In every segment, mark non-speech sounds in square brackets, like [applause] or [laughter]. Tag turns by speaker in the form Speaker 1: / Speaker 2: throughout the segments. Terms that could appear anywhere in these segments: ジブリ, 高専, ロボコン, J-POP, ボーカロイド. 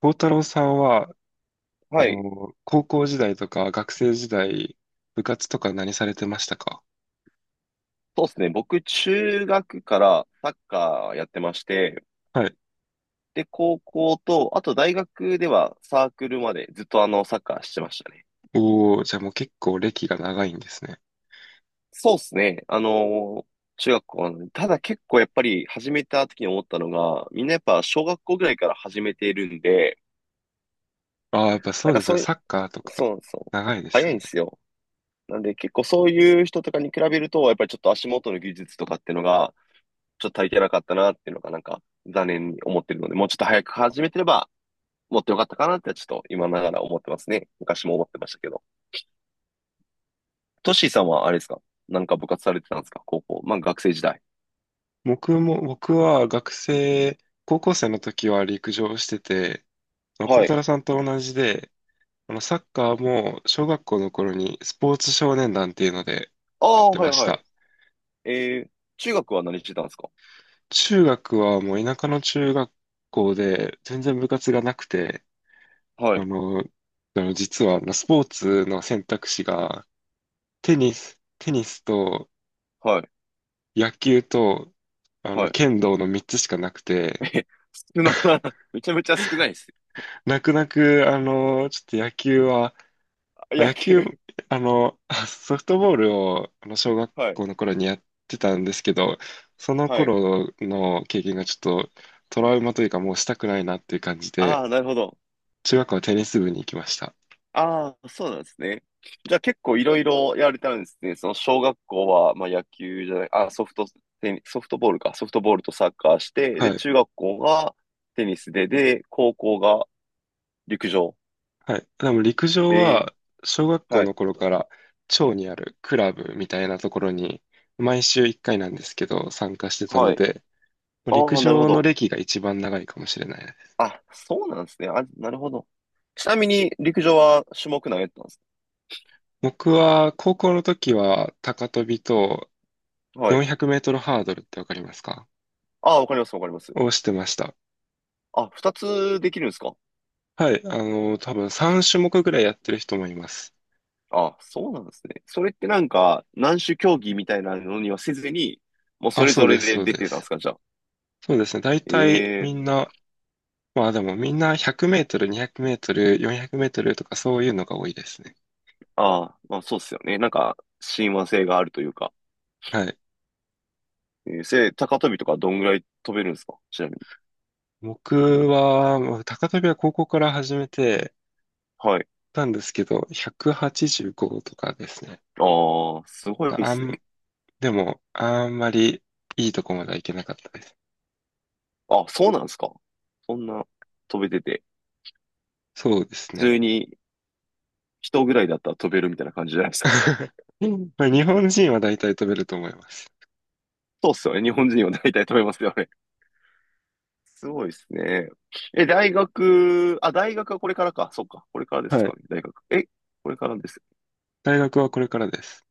Speaker 1: 孝太郎さんは、
Speaker 2: はい。
Speaker 1: 高校時代とか学生時代、部活とか何されてましたか？
Speaker 2: そうですね。僕、中学からサッカーやってまして、
Speaker 1: はい。
Speaker 2: で、高校と、あと大学ではサークルまでずっとサッカーしてましたね。
Speaker 1: おー、じゃあもう結構歴が長いんですね。
Speaker 2: そうですね。中学校の、ただ結構やっぱり始めた時に思ったのが、みんなやっぱ小学校ぐらいから始めているんで、
Speaker 1: ああ、やっぱ
Speaker 2: な
Speaker 1: そ
Speaker 2: ん
Speaker 1: う
Speaker 2: か
Speaker 1: ですね。
Speaker 2: そういう、
Speaker 1: サッカーとか
Speaker 2: そうそう、
Speaker 1: 長いで
Speaker 2: 早
Speaker 1: す
Speaker 2: い
Speaker 1: よ
Speaker 2: ん
Speaker 1: ね。
Speaker 2: ですよ。なんで結構そういう人とかに比べると、やっぱりちょっと足元の技術とかっていうのが、ちょっと足りてなかったなっていうのがなんか残念に思ってるので、もうちょっと早く始めてれば、持ってよかったかなってちょっと今ながら思ってますね。昔も思ってましたけど。トッシーさんはあれですか？なんか部活されてたんですか？高校。まあ学生時代。
Speaker 1: 僕は高校生の時は陸上してて、あの孝
Speaker 2: は
Speaker 1: 太
Speaker 2: い。
Speaker 1: 郎さんと同じで、サッカーも小学校の頃にスポーツ少年団っていうので
Speaker 2: あ
Speaker 1: やっ
Speaker 2: あ、
Speaker 1: て
Speaker 2: はい
Speaker 1: まし
Speaker 2: はい。
Speaker 1: た。
Speaker 2: えー、中学は何してたんですか？
Speaker 1: 中学はもう田舎の中学校で全然部活がなくて、
Speaker 2: はい、
Speaker 1: 実はスポーツの選択肢がテニスと
Speaker 2: はい、
Speaker 1: 野球と
Speaker 2: はい。
Speaker 1: 剣道の3つしかなく
Speaker 2: え、
Speaker 1: て、
Speaker 2: [laughs] 少な、[laughs] めちゃめちゃ少ないです。
Speaker 1: 泣く泣く、ちょっと野球は、まあ、
Speaker 2: 野
Speaker 1: 野
Speaker 2: 球。
Speaker 1: 球、あの、ソフトボールを小学
Speaker 2: はい、
Speaker 1: 校の頃にやってたんですけど、その
Speaker 2: はい。
Speaker 1: 頃の経験がちょっとトラウマというかもうしたくないなっていう感じで、
Speaker 2: ああ、なるほど。
Speaker 1: 中学校はテニス部に行きました。
Speaker 2: ああ、そうなんですね。じゃあ結構いろいろやられたんですね。その小学校は、まあ、野球じゃない、あ、ソフトボールか、ソフトボールとサッカーして、で、
Speaker 1: はい。
Speaker 2: 中学校がテニスで、で、高校が陸上。
Speaker 1: はい。でも陸上
Speaker 2: ええ、
Speaker 1: は、小学校
Speaker 2: は
Speaker 1: の
Speaker 2: い。
Speaker 1: 頃から、町にあるクラブみたいなところに、毎週1回なんですけど、参加してた
Speaker 2: は
Speaker 1: の
Speaker 2: い。
Speaker 1: で、まあ陸
Speaker 2: ああ、なるほ
Speaker 1: 上の
Speaker 2: ど。
Speaker 1: 歴が一番長いかもしれないです。
Speaker 2: あ、そうなんですね。あ、なるほど。ちなみに陸上は種目何やってたんです
Speaker 1: 僕は、高校の時は、高跳びと
Speaker 2: か？はい。
Speaker 1: 400メートルハードルってわかりますか？
Speaker 2: ああ、わかります、わかります。
Speaker 1: をしてました。
Speaker 2: あ、二つできるんですか？
Speaker 1: はい。多分3種目ぐらいやってる人もいます。
Speaker 2: あ、そうなんですね。それってなんか、何種競技みたいなのにはせずに、もうそ
Speaker 1: あ、
Speaker 2: れ
Speaker 1: そう
Speaker 2: ぞれ
Speaker 1: です、
Speaker 2: で
Speaker 1: そう
Speaker 2: 出
Speaker 1: で
Speaker 2: てたんです
Speaker 1: す。
Speaker 2: か、じゃあ。
Speaker 1: そうですね。大体
Speaker 2: ええ。
Speaker 1: みんな、まあでもみんな100メートル、200メートル、400メートルとかそういうのが多いですね。
Speaker 2: ああ、まあそうっすよね。なんか、親和性があるというか。
Speaker 1: はい。
Speaker 2: えー、高跳びとかどんぐらい飛べるんですか、ちなみに。
Speaker 1: 僕は、まあ高跳びは高校から始めて
Speaker 2: はい。
Speaker 1: たんですけど、185とかですね。
Speaker 2: ああ、すごいで
Speaker 1: あ
Speaker 2: す
Speaker 1: ん、
Speaker 2: ね。
Speaker 1: でも、あんまりいいとこまではいけなかったです。
Speaker 2: あ、そうなんですか。そんな飛べてて、
Speaker 1: そうです
Speaker 2: 普
Speaker 1: ね。
Speaker 2: 通に人ぐらいだったら飛べるみたいな感じじゃないですか。
Speaker 1: [laughs] まあ、日本人は大体飛べると思います。
Speaker 2: そうっすよね。日本人は大体飛べますよね。すごいですね。え、大学、あ、大学はこれからか。そっか。これからです
Speaker 1: は
Speaker 2: か
Speaker 1: い。
Speaker 2: ね。大学。え、これからです。
Speaker 1: 大学はこれからです。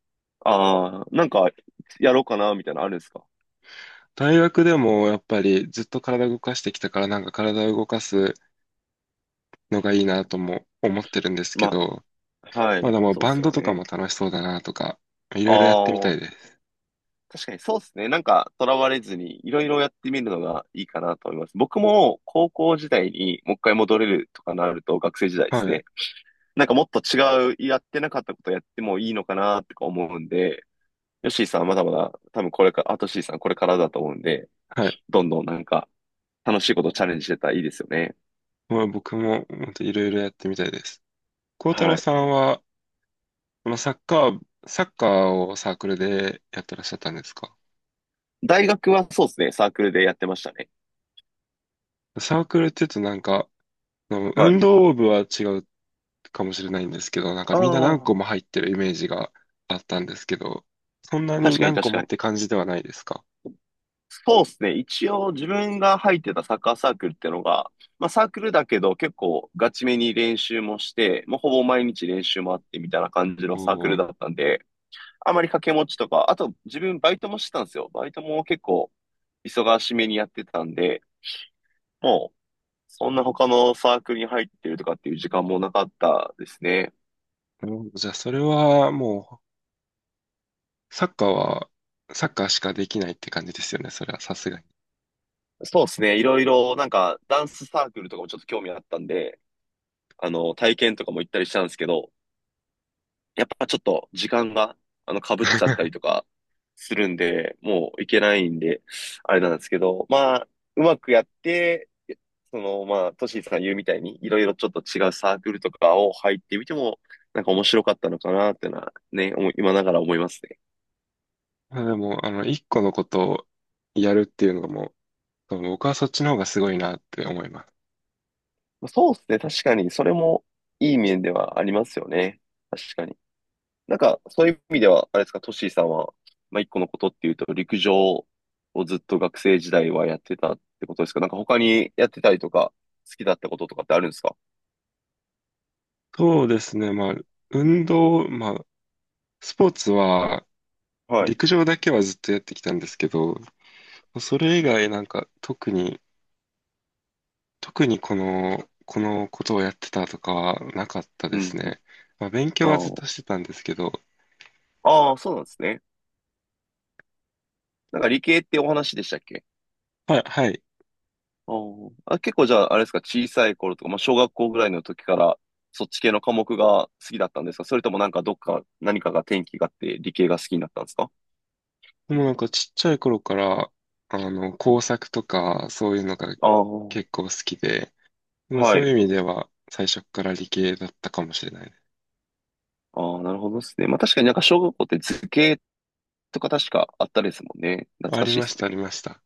Speaker 2: ああ、なんか、やろうかな、みたいなのあるんですか？
Speaker 1: 大学でもやっぱりずっと体動かしてきたからなんか体を動かすのがいいなとも思ってるんですけ
Speaker 2: ま
Speaker 1: ど、
Speaker 2: あ、は
Speaker 1: ま
Speaker 2: い。
Speaker 1: だまあ
Speaker 2: そうっ
Speaker 1: バ
Speaker 2: す
Speaker 1: ン
Speaker 2: よ
Speaker 1: ドとか
Speaker 2: ね。
Speaker 1: も楽しそうだなとか、いろいろやってみた
Speaker 2: ああ、
Speaker 1: いです。
Speaker 2: 確かにそうっすね。なんか、とらわれずに、いろいろやってみるのがいいかなと思います。僕も、高校時代にもう1回戻れるとかなると、学生時代です
Speaker 1: は
Speaker 2: ね。
Speaker 1: い。
Speaker 2: なんかもっと違う、やってなかったことやってもいいのかな、とか思うんで、ヨッシーさんはまだまだ、多分これから、あとシーさんこれからだと思うんで、
Speaker 1: はい。
Speaker 2: どんどんなんか、楽しいことチャレンジしてたらいいですよね。
Speaker 1: まあ僕も本当いろいろやってみたいです。幸太
Speaker 2: は
Speaker 1: 郎
Speaker 2: い。
Speaker 1: さんは、まあ、サッカーをサークルでやってらっしゃったんですか？
Speaker 2: 大学はそうですね、サークルでやってましたね。
Speaker 1: サークルって言うとなんか、あの
Speaker 2: は
Speaker 1: 運
Speaker 2: い。
Speaker 1: 動部は違うかもしれないんですけど、なんか
Speaker 2: あ
Speaker 1: みんな何
Speaker 2: あ、
Speaker 1: 個も入ってるイメージがあったんですけど、そんなに
Speaker 2: 確かに
Speaker 1: 何個
Speaker 2: 確
Speaker 1: も
Speaker 2: か
Speaker 1: っ
Speaker 2: に。
Speaker 1: て感じではないですか？
Speaker 2: そうですね。一応自分が入ってたサッカーサークルってのが、まあサークルだけど結構ガチめに練習もして、もうほぼ毎日練習もあってみたいな感じの
Speaker 1: お
Speaker 2: サー
Speaker 1: お、
Speaker 2: クル
Speaker 1: な
Speaker 2: だったんで、あまり掛け持ちとか、あと自分バイトもしてたんですよ。バイトも結構忙しめにやってたんで、もうそんな他のサークルに入ってるとかっていう時間もなかったですね。
Speaker 1: るほど。じゃあそれはもう、サッカーしかできないって感じですよね。それはさすがに。
Speaker 2: そうですね。いろいろ、なんか、ダンスサークルとかもちょっと興味あったんで、体験とかも行ったりしたんですけど、やっぱちょっと時間が、被っちゃっ
Speaker 1: [laughs]
Speaker 2: たりとかするんで、もう行けないんで、あれなんですけど、まあ、うまくやって、その、まあ、トシーさん言うみたいに、いろいろちょっと違うサークルとかを入ってみても、なんか面白かったのかなっていうのは、ね、思い今ながら思いますね。
Speaker 1: まあでも、一個のことをやるっていうのがもう、僕はそっちの方がすごいなって思います。
Speaker 2: まあそうですね。確かに、それもいい面ではありますよね。確かに。なんか、そういう意味では、あれですか、トシーさんは、まあ、1個のことっていうと、陸上をずっと学生時代はやってたってことですか？なんか他にやってたりとか、好きだったこととかってあるんですか？
Speaker 1: そうですね。まあ、まあ、スポーツは、
Speaker 2: はい。
Speaker 1: 陸上だけはずっとやってきたんですけど、それ以外なんか特に、この、ことをやってたとかはなかった
Speaker 2: う
Speaker 1: です
Speaker 2: んうん。
Speaker 1: ね。まあ、勉
Speaker 2: あ
Speaker 1: 強はずっ
Speaker 2: ー
Speaker 1: としてたんですけど、
Speaker 2: あー、そうなんですね。なんか理系ってお話でしたっけ？
Speaker 1: はい、はい。
Speaker 2: あーあ、結構じゃあ、あれですか、小さい頃とか、まあ、小学校ぐらいの時から、そっち系の科目が好きだったんですか？それともなんかどっか、何かが転機があって理系が好きになったんですか？
Speaker 1: でもなんかちっちゃい頃から、工作とか、そういうのが
Speaker 2: ああー、
Speaker 1: 結構好きで、まあ
Speaker 2: は
Speaker 1: そうい
Speaker 2: い。
Speaker 1: う意味では最初から理系だったかもしれないね。
Speaker 2: ああ、なるほどですね。まあ確かになんか小学校って図形とか確かあったですもんね。懐
Speaker 1: あ
Speaker 2: か
Speaker 1: り
Speaker 2: しい
Speaker 1: ま
Speaker 2: で
Speaker 1: し
Speaker 2: す
Speaker 1: た、あり
Speaker 2: ね。
Speaker 1: ました。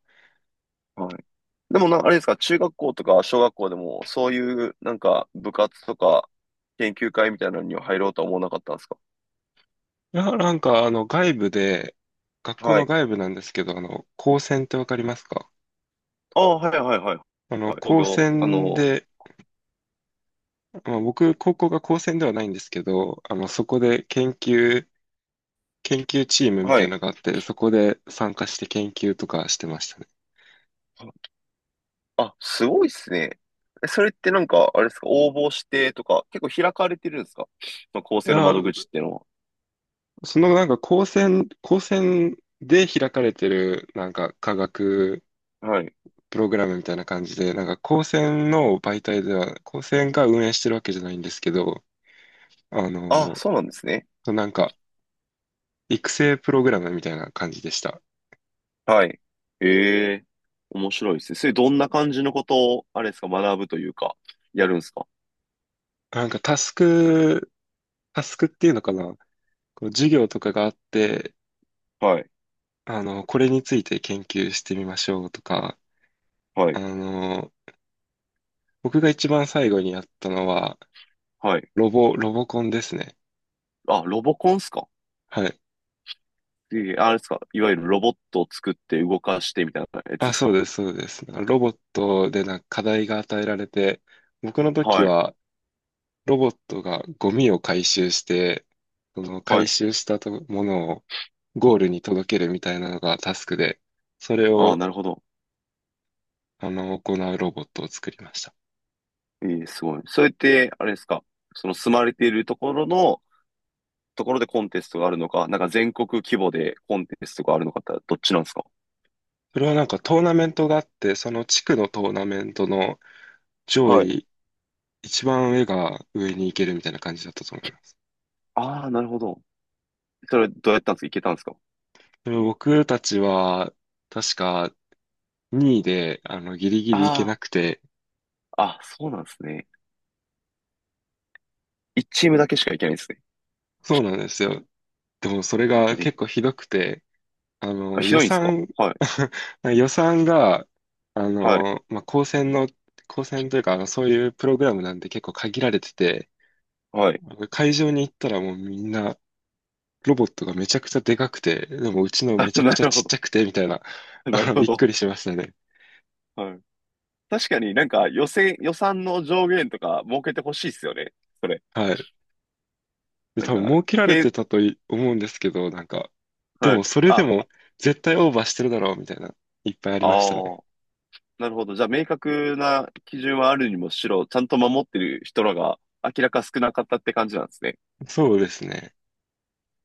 Speaker 2: はい。でもな、あれですか、中学校とか小学校でも、そういうなんか部活とか研究会みたいなのには入ろうとは思わなかったんですか？
Speaker 1: なんか外部で、学校
Speaker 2: は
Speaker 1: の
Speaker 2: い。
Speaker 1: 外部なんですけど、高専ってわかりますか？
Speaker 2: ああ、はいはいはい。はい。工
Speaker 1: 高
Speaker 2: 業、
Speaker 1: 専で、まあ、僕、高校が高専ではないんですけど、そこで研究チームみ
Speaker 2: は
Speaker 1: たいなの
Speaker 2: い。
Speaker 1: があって、そこで参加して研究とかしてましたね。
Speaker 2: あ、すごいっすね。えそれってなんか、あれですか、応募してとか、結構開かれてるんですか？まあ、構
Speaker 1: い
Speaker 2: 成の
Speaker 1: や、
Speaker 2: 窓口っていうの
Speaker 1: そのなんか高専で開かれてるなんか科学
Speaker 2: は。はい。
Speaker 1: プログラムみたいな感じで、なんか高専の媒体では、高専が運営してるわけじゃないんですけど、あ
Speaker 2: あ、
Speaker 1: の、
Speaker 2: そうなんですね。
Speaker 1: なんか育成プログラムみたいな感じでした。
Speaker 2: はい。ええ、面白いですね。それどんな感じのことを、あれですか、学ぶというか、やるんですか？
Speaker 1: なんかタスクっていうのかな、こう授業とかがあって、
Speaker 2: はい、
Speaker 1: これについて研究してみましょうとか、
Speaker 2: は
Speaker 1: あ
Speaker 2: い、
Speaker 1: の、僕が一番最後にやったのは、
Speaker 2: はい。
Speaker 1: ロボコンですね。
Speaker 2: あ、ロボコンですか？
Speaker 1: はい。
Speaker 2: ええ、あれですか、いわゆるロボットを作って動かしてみたいなやつで
Speaker 1: あ、
Speaker 2: す
Speaker 1: そう
Speaker 2: か？
Speaker 1: です、そうです。ロボットでなんか課題が与えられて、僕の時
Speaker 2: はい、
Speaker 1: は、ロボットがゴミを回収して、その
Speaker 2: は
Speaker 1: 回
Speaker 2: い。
Speaker 1: 収したとものをゴールに届けるみたいなのがタスクで、それ
Speaker 2: ああ、
Speaker 1: を
Speaker 2: なるほど。
Speaker 1: 行うロボットを作りました。
Speaker 2: ええ、すごい。それって、あれですか、その住まれているところの、ところでコンテストがあるのか、なんか全国規模でコンテストがあるのかってどっちなんですか？
Speaker 1: それはなんかトーナメントがあって、その地区のトーナメントの上
Speaker 2: はい。
Speaker 1: 位、一番上が上に行けるみたいな感じだったと思います。
Speaker 2: ああ、なるほど。それどうやったんですか？いけたんですか？
Speaker 1: それ僕たちは確か2位でギリギリ行け
Speaker 2: あ、
Speaker 1: なくて、
Speaker 2: ああ、そうなんですね。1チームだけしか行けないですね。
Speaker 1: そうなんですよ。でもそれが
Speaker 2: うん。
Speaker 1: 結構ひどくて、あ
Speaker 2: あ、
Speaker 1: の、
Speaker 2: ひ
Speaker 1: 予
Speaker 2: どいんですか？
Speaker 1: 算、
Speaker 2: はい。
Speaker 1: [laughs] 予算が、
Speaker 2: はい。
Speaker 1: まあ、高専の、高専というか、そういうプログラムなんで結構限られてて、
Speaker 2: はい。
Speaker 1: 会場に行ったらもうみんな、ロボットがめちゃくちゃでかくて、でもうちの
Speaker 2: あ、
Speaker 1: め
Speaker 2: [laughs]
Speaker 1: ちゃく
Speaker 2: な
Speaker 1: ちゃ
Speaker 2: る
Speaker 1: ち
Speaker 2: ほ
Speaker 1: っち
Speaker 2: ど。
Speaker 1: ゃくて、みたいな、[laughs]
Speaker 2: なるほ
Speaker 1: びっく
Speaker 2: ど。
Speaker 1: りしましたね。
Speaker 2: はい。確かになんか予選、予算の上限とか設けてほしいっすよね。それ。
Speaker 1: はい。で、
Speaker 2: なん
Speaker 1: 多分
Speaker 2: か、
Speaker 1: 儲けられてたとい思うんですけど、なんか、で
Speaker 2: はい。
Speaker 1: もそれで
Speaker 2: あ、
Speaker 1: も絶対オーバーしてるだろう、みたいな、いっぱいありました
Speaker 2: あ
Speaker 1: ね。
Speaker 2: あ、なるほど。じゃあ明確な基準はあるにもしろ、ちゃんと守ってる人らが明らか少なかったって感じなんですね。
Speaker 1: そうですね。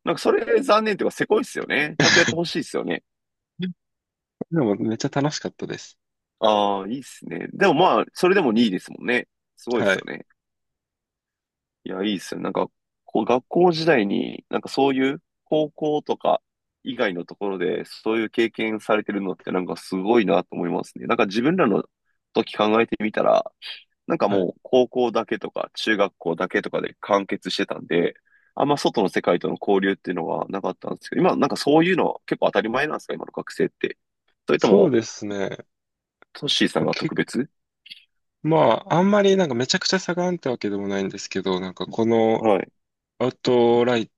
Speaker 2: なんかそれ残念っていうか、せこいっすよね。ちゃんとやってほ
Speaker 1: [laughs]
Speaker 2: しいっすよね。
Speaker 1: でもめっちゃ楽しかったです。
Speaker 2: ああ、いいっすね。でもまあ、それでも2位ですもんね。すごいっ
Speaker 1: は
Speaker 2: すよ
Speaker 1: い。
Speaker 2: ね。いや、いいっすよ。なんか、こう、学校時代に、なんかそういう高校とか以外のところで、そういう経験されてるのって、なんかすごいなと思いますね。なんか自分らの時考えてみたら、なんか
Speaker 1: はい、
Speaker 2: もう高校だけとか中学校だけとかで完結してたんで、あんま外の世界との交流っていうのはなかったんですけど、今なんかそういうのは結構当たり前なんですか、今の学生って。それと
Speaker 1: そう
Speaker 2: も、
Speaker 1: ですね。
Speaker 2: トッシーさんが
Speaker 1: け、
Speaker 2: 特別。
Speaker 1: まあ、あんまりなんかめちゃくちゃ差があるってわけでもないんですけど、なんかこの
Speaker 2: はい。
Speaker 1: アウトライ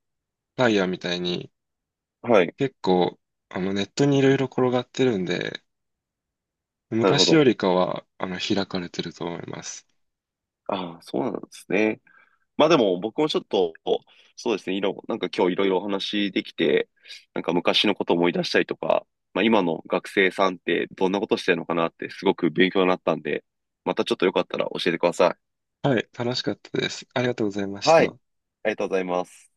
Speaker 1: ライヤーみたいに
Speaker 2: はい。
Speaker 1: 結構ネットにいろいろ転がってるんで、
Speaker 2: なるほ
Speaker 1: 昔よ
Speaker 2: ど。
Speaker 1: りかは開かれてると思います。
Speaker 2: ああ、そうなんですね。まあでも僕もちょっと、そうですね、なんか今日いろいろお話できて、なんか昔のことを思い出したりとか、まあ今の学生さんってどんなことしてるのかなってすごく勉強になったんで、またちょっとよかったら教えてくださ
Speaker 1: はい、楽しかったです。ありがとうございま
Speaker 2: い。
Speaker 1: し
Speaker 2: は
Speaker 1: た。
Speaker 2: い。ありがとうございます。